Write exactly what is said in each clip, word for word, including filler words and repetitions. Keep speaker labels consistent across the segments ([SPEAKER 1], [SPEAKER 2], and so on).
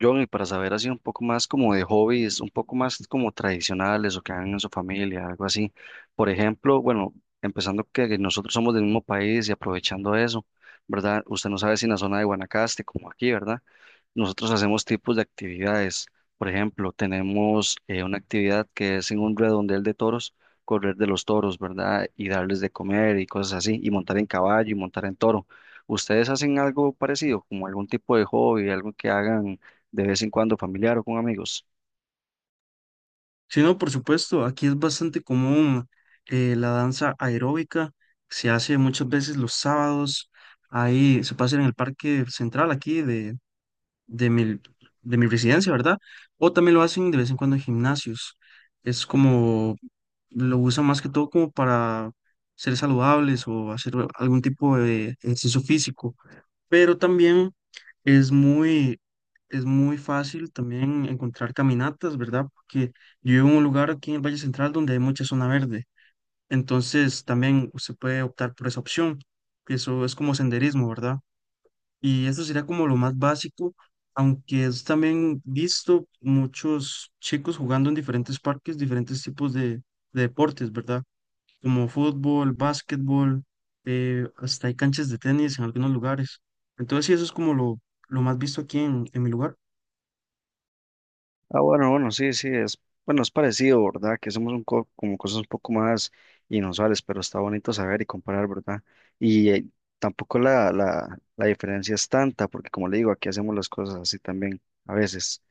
[SPEAKER 1] John, y para saber así un poco más como de hobbies, un poco más como tradicionales o que hagan en su familia, algo así. Por ejemplo, bueno, empezando que nosotros somos del mismo país y aprovechando eso, ¿verdad? Usted no sabe si en la zona de Guanacaste, como aquí, ¿verdad? Nosotros hacemos tipos de actividades. Por ejemplo, tenemos eh, una actividad que es en un redondel de toros, correr de los toros, ¿verdad? Y darles de comer y cosas así, y montar en caballo y montar en toro. ¿Ustedes hacen algo parecido, como algún tipo de hobby, algo que hagan? De vez en cuando familiar o con amigos.
[SPEAKER 2] Sí, no, por supuesto, aquí es bastante común eh, la danza aeróbica, se hace muchas veces los sábados, ahí se puede hacer en el parque central aquí de, de mi, de mi residencia, ¿verdad? O también lo hacen de vez en cuando en gimnasios, es como, lo usan más que todo como para ser saludables o hacer algún tipo de ejercicio físico, pero también es muy, es muy fácil también encontrar caminatas, ¿verdad? Porque yo vivo en un lugar aquí en el Valle Central donde hay mucha zona verde, entonces también se puede optar por esa opción, que eso es como senderismo, ¿verdad? Y esto sería como lo más básico, aunque es también visto muchos chicos jugando en diferentes parques, diferentes tipos de, de deportes, ¿verdad? Como fútbol, básquetbol, eh, hasta hay canchas de tenis en algunos lugares. Entonces, sí, eso es como lo, lo más visto aquí en, en mi lugar.
[SPEAKER 1] Ah, bueno, bueno, sí, sí, es, bueno, es parecido, ¿verdad? Que somos un co- como cosas un poco más inusuales, pero está bonito saber y comparar, ¿verdad? Y eh, tampoco la, la, la diferencia es tanta, porque como le digo, aquí hacemos las cosas así también, a veces.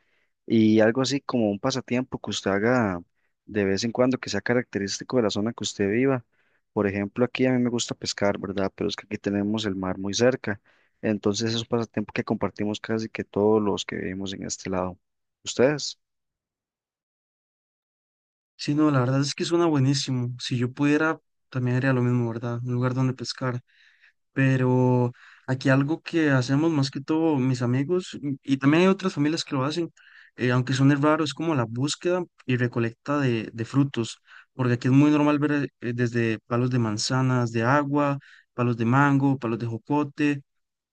[SPEAKER 1] Y algo así como un pasatiempo que usted haga de vez en cuando que sea característico de la zona que usted viva. Por ejemplo, aquí a mí me gusta pescar, ¿verdad? Pero es que aquí tenemos el mar muy cerca. Entonces es un pasatiempo que compartimos casi que todos los que vivimos en este lado. ¿Ustedes?
[SPEAKER 2] Sí, no, la verdad es que suena buenísimo. Si yo pudiera, también haría lo mismo, ¿verdad? Un lugar donde pescar. Pero aquí algo que hacemos más que todo mis amigos, y, y también hay otras familias que lo hacen, eh, aunque suene raro, es como la búsqueda y recolecta de, de frutos. Porque aquí es muy normal ver eh, desde palos de manzanas, de agua, palos de mango, palos de jocote.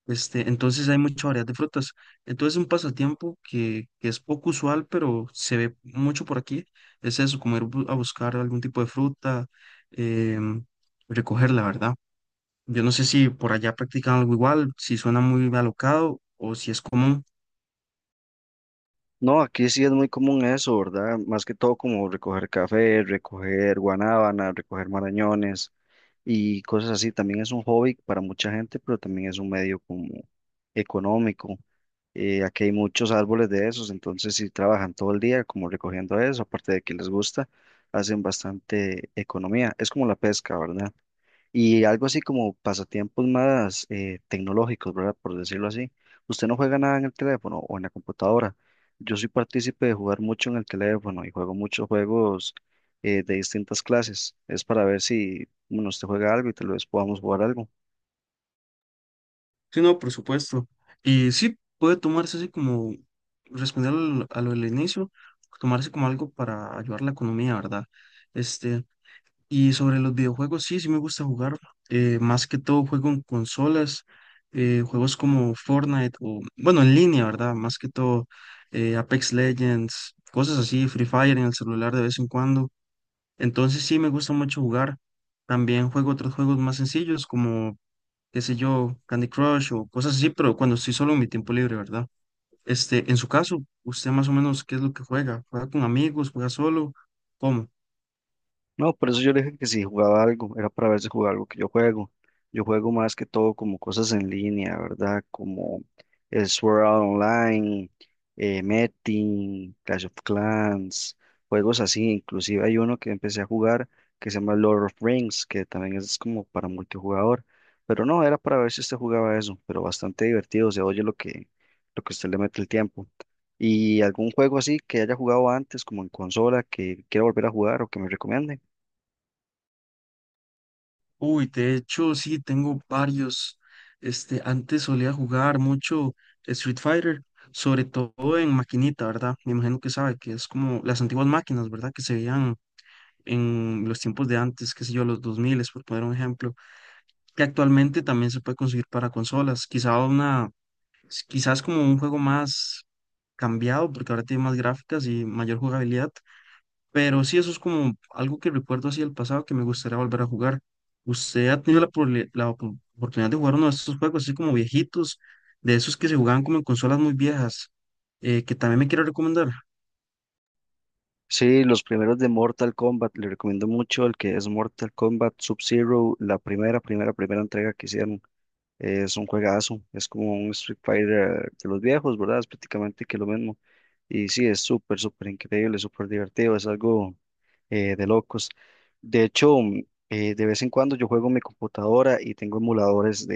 [SPEAKER 2] Este, entonces hay mucha variedad de frutas. Entonces un pasatiempo que, que es poco usual, pero se ve mucho por aquí, es eso, como ir bu- a buscar algún tipo de fruta, em, recogerla, ¿verdad? Yo no sé si por allá practican algo igual, si suena muy alocado o si es común.
[SPEAKER 1] No, aquí sí es muy común eso, ¿verdad? Más que todo como recoger café, recoger guanábana, recoger marañones y cosas así. También es un hobby para mucha gente, pero también es un medio como económico. Eh, aquí hay muchos árboles de esos, entonces si trabajan todo el día como recogiendo eso, aparte de que les gusta, hacen bastante economía. Es como la pesca, ¿verdad? Y algo así como pasatiempos más eh, tecnológicos, ¿verdad? Por decirlo así. Usted no juega nada en el teléfono o en la computadora. Yo soy partícipe de jugar mucho en el teléfono y juego muchos juegos eh, de distintas clases. Es para ver si, bueno, usted juega algo y tal vez podamos jugar algo.
[SPEAKER 2] Sí, no, por supuesto. Y sí, puede tomarse así como, responder al- a lo del inicio, tomarse como algo para ayudar la economía, ¿verdad? Este, y sobre los videojuegos, sí, sí me gusta jugar. Eh, más que todo juego en consolas, eh, juegos como Fortnite o, bueno, en línea, ¿verdad? Más que todo eh, Apex Legends, cosas así, Free Fire en el celular de vez en cuando. Entonces sí me gusta mucho jugar. También juego otros juegos más sencillos como, qué sé yo, Candy Crush o cosas así, pero cuando estoy solo en mi tiempo libre, ¿verdad? Este, en su caso, ¿usted más o menos qué es lo que juega? ¿Juega con amigos? ¿Juega solo? ¿Cómo?
[SPEAKER 1] No, por eso yo le dije que si jugaba algo, era para ver si jugaba algo que yo juego. Yo juego más que todo como cosas en línea, ¿verdad? Como el Sword Art Online, eh, Metin, Clash of Clans, juegos así. Inclusive hay uno que empecé a jugar que se llama Lord of Rings, que también es como para multijugador. Pero no, era para ver si usted jugaba eso, pero bastante divertido, se oye lo que, lo que usted le mete el tiempo. ¿Y algún juego así que haya jugado antes, como en consola, que quiera volver a jugar o que me recomiende?
[SPEAKER 2] Uy, de hecho, sí, tengo varios. Este, antes solía jugar mucho Street Fighter, sobre todo en maquinita, ¿verdad? Me imagino que sabe que es como las antiguas máquinas, ¿verdad? Que se veían en los tiempos de antes, qué sé yo, los dos mil, por poner un ejemplo, que actualmente también se puede conseguir para consolas. Quizá una, s- quizás como un juego más cambiado, porque ahora tiene más gráficas y mayor jugabilidad, pero sí, eso es como algo que recuerdo así del pasado que me gustaría volver a jugar. ¿Usted ha tenido la, probli- la op- oportunidad de jugar uno de estos juegos así como viejitos, de esos que se jugaban como en consolas muy viejas, eh, que también me quiero recomendar?
[SPEAKER 1] Sí, los primeros de Mortal Kombat, le recomiendo mucho el que es Mortal Kombat Sub-Zero, la primera, primera, primera entrega que hicieron. Es un juegazo, es como un Street Fighter de los viejos, ¿verdad? Es prácticamente que lo mismo. Y sí, es súper, súper increíble, súper divertido, es algo eh, de locos. De hecho, mm, eh, de vez en cuando yo juego en mi computadora y tengo emuladores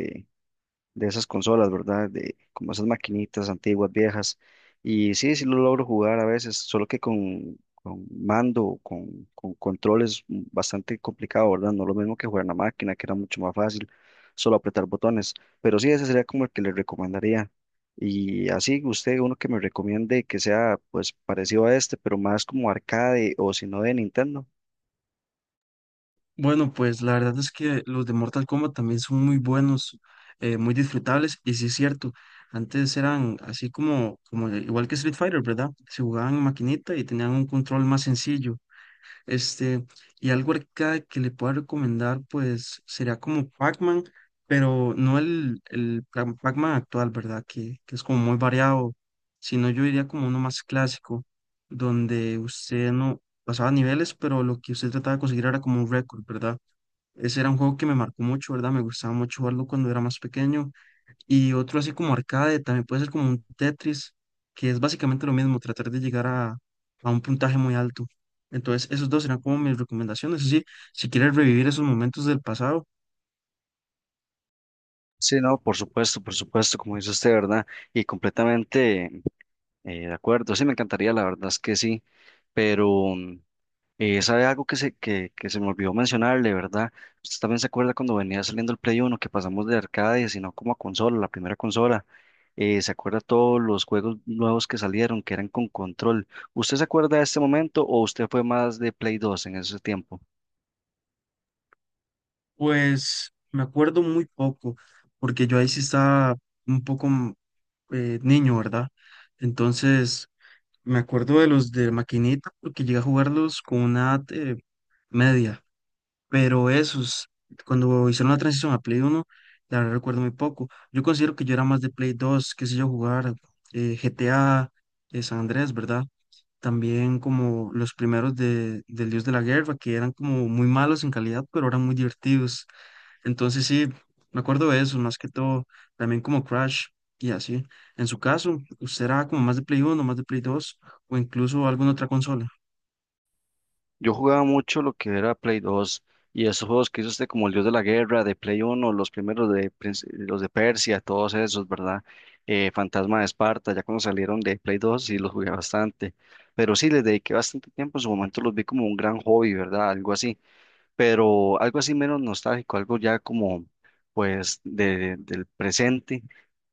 [SPEAKER 1] de esas consolas, ¿verdad? De como esas maquinitas antiguas, viejas. Y sí, sí lo logro jugar a veces, solo que con, con mando, o con, con controles bastante complicado, ¿verdad? No lo mismo que jugar en la máquina, que era mucho más fácil, solo apretar botones. Pero sí, ese sería como el que le recomendaría. Y así, usted, uno que me recomiende que sea pues parecido a este, pero más como arcade o si no de Nintendo.
[SPEAKER 2] Bueno, pues la verdad es que los de Mortal Kombat también son muy buenos, eh, muy disfrutables, y sí es cierto, antes eran así como, como de- igual que Street Fighter, ¿verdad? Se jugaban en maquinita y tenían un control más sencillo. Este, y algo arcade que le pueda recomendar, pues sería como Pac-Man, pero no el, el Pac- Pac-Man actual, ¿verdad? Que, que es como muy variado, sino yo diría como uno más clásico, donde usted no pasaba niveles, pero lo que usted trataba de conseguir era como un récord, ¿verdad? Ese era un juego que me marcó mucho, ¿verdad? Me gustaba mucho jugarlo cuando era más pequeño, y otro así como arcade, también puede ser como un Tetris, que es básicamente lo mismo, tratar de llegar a, a un puntaje muy alto. Entonces, esos dos serán como mis recomendaciones. Eso sí, si quieres revivir esos momentos del pasado,
[SPEAKER 1] Sí, no, por supuesto, por supuesto, como dice usted, ¿verdad? Y completamente Eh, de acuerdo, sí, me encantaría, la verdad es que sí, pero mm, eh, ¿sabe algo que se, que, que se me olvidó mencionarle, verdad? Usted también se acuerda cuando venía saliendo el Play Uno que pasamos de arcade, sino como a consola, la primera consola. Eh, ¿se acuerda todos los juegos nuevos que salieron, que eran con control? ¿Usted se acuerda de este momento o usted fue más de Play Dos en ese tiempo?
[SPEAKER 2] pues me acuerdo muy poco, porque yo ahí sí estaba un poco mm, eh, niño, ¿verdad? Entonces, me acuerdo de los de maquinita, porque llegué a jugarlos con una edad, eh, media. Pero esos, cuando hicieron la transición a Play Uno, la verdad recuerdo muy poco. Yo considero que yo era más de Play Dos, qué sé yo, jugar eh, G T A, eh, San Andrés, ¿verdad? También como los primeros de, del Dios de la Guerra, que eran como muy malos en calidad, pero eran muy divertidos. Entonces sí, me acuerdo de eso, más que todo, también como Crash y así. En su caso, ¿usted era como más de Play Uno, más de Play Dos o incluso alguna otra consola?
[SPEAKER 1] Yo jugaba mucho lo que era Play dos y esos juegos que hizo usted como el Dios de la Guerra, de Play uno, los primeros de Prince- los de Persia, todos esos, ¿verdad? Eh, Fantasma de Esparta, ya cuando salieron de Play dos sí los jugué bastante, pero sí les dediqué bastante tiempo, en su momento los vi como un gran hobby, ¿verdad? Algo así, pero algo así menos nostálgico, algo ya como pues de, del presente,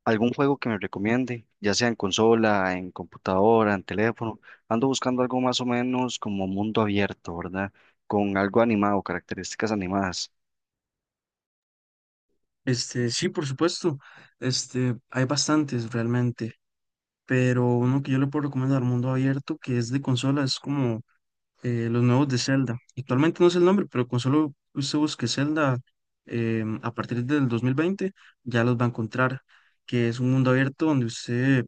[SPEAKER 1] algún juego que me recomiende, ya sea en consola, en computadora, en teléfono, ando buscando algo más o menos como mundo abierto, ¿verdad? Con algo animado, características animadas.
[SPEAKER 2] Este, sí, por supuesto. Este, hay bastantes realmente. Pero uno que yo le puedo recomendar, Mundo Abierto, que es de consola, es como eh, los nuevos de Zelda. Actualmente no sé el nombre, pero con solo usted busque Zelda eh, a partir del dos mil veinte ya los va a encontrar, que es un mundo abierto donde usted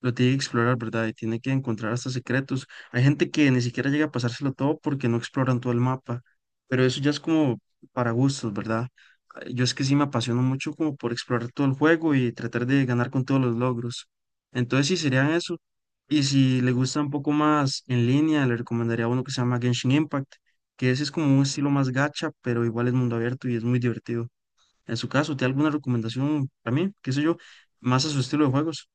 [SPEAKER 2] lo tiene que explorar, ¿verdad? Y tiene que encontrar hasta secretos. Hay gente que ni siquiera llega a pasárselo todo porque no exploran todo el mapa, pero eso ya es como para gustos, ¿verdad? Eh, Yo es que sí me apasiono mucho como por explorar todo el juego y tratar de ganar con todos los logros. Entonces sí serían eso. Y si le gusta un poco más en línea, le recomendaría uno que se llama Genshin Impact, que ese es como un estilo más gacha, pero igual es mundo abierto y es muy divertido. En su caso, ¿tiene alguna recomendación para mí? ¿Qué sé yo? Más a su estilo de juegos.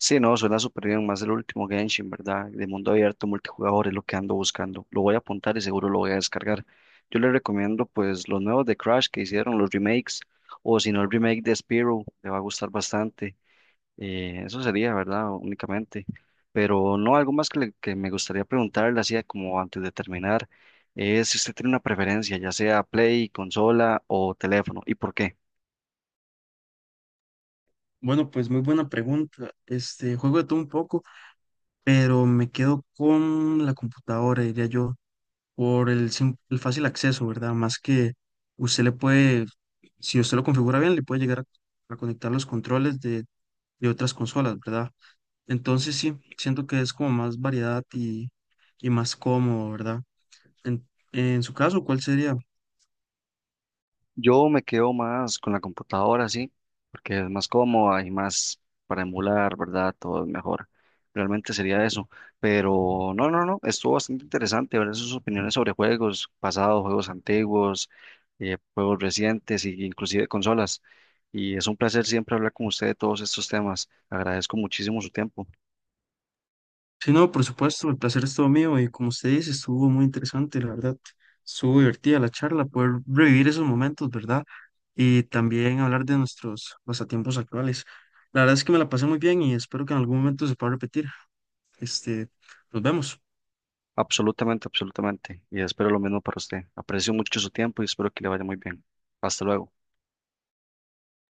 [SPEAKER 1] Sí, no, suena súper bien, más el último Genshin, ¿verdad? De mundo abierto, multijugador, es lo que ando buscando. Lo voy a apuntar y seguro lo voy a descargar. Yo le recomiendo pues los nuevos de Crash que hicieron, los remakes, o si no el remake de Spyro, le va a gustar bastante. Eh, eso sería, ¿verdad? Únicamente. Pero no, algo más que, le- que me gustaría preguntarle, así como antes de terminar, es si usted tiene una preferencia, ya sea Play, consola o teléfono, ¿y por qué?
[SPEAKER 2] Bueno, pues muy buena pregunta. Este, juego de todo un poco, pero me quedo con la computadora, diría yo, por el, sim- el fácil acceso, ¿verdad? Más que usted le puede, si usted lo configura bien, le puede llegar a, a conectar los controles de, de otras consolas, ¿verdad? Entonces sí, siento que es como más variedad y, y más cómodo, ¿verdad? En, en su caso, ¿cuál sería?
[SPEAKER 1] Yo me quedo más con la computadora, sí, porque es más cómoda y más para emular, ¿verdad? Todo es mejor. Realmente sería eso. Pero no, no, no, estuvo bastante interesante ver sus opiniones sobre juegos pasados, juegos antiguos, eh, juegos recientes e inclusive consolas. Y es un placer siempre hablar con usted de todos estos temas. Agradezco muchísimo su tiempo.
[SPEAKER 2] Sí, no, por supuesto, el placer es todo mío y como usted dice, estuvo muy interesante, la verdad. Estuvo divertida la charla, poder revivir esos momentos, ¿verdad? Y también hablar de nuestros pasatiempos actuales. La verdad es que me la pasé muy bien y espero que en algún momento se pueda repetir. Este, nos vemos.
[SPEAKER 1] Absolutamente, absolutamente. Y espero lo mismo para usted. Aprecio mucho su tiempo y espero que le vaya muy bien. Hasta luego.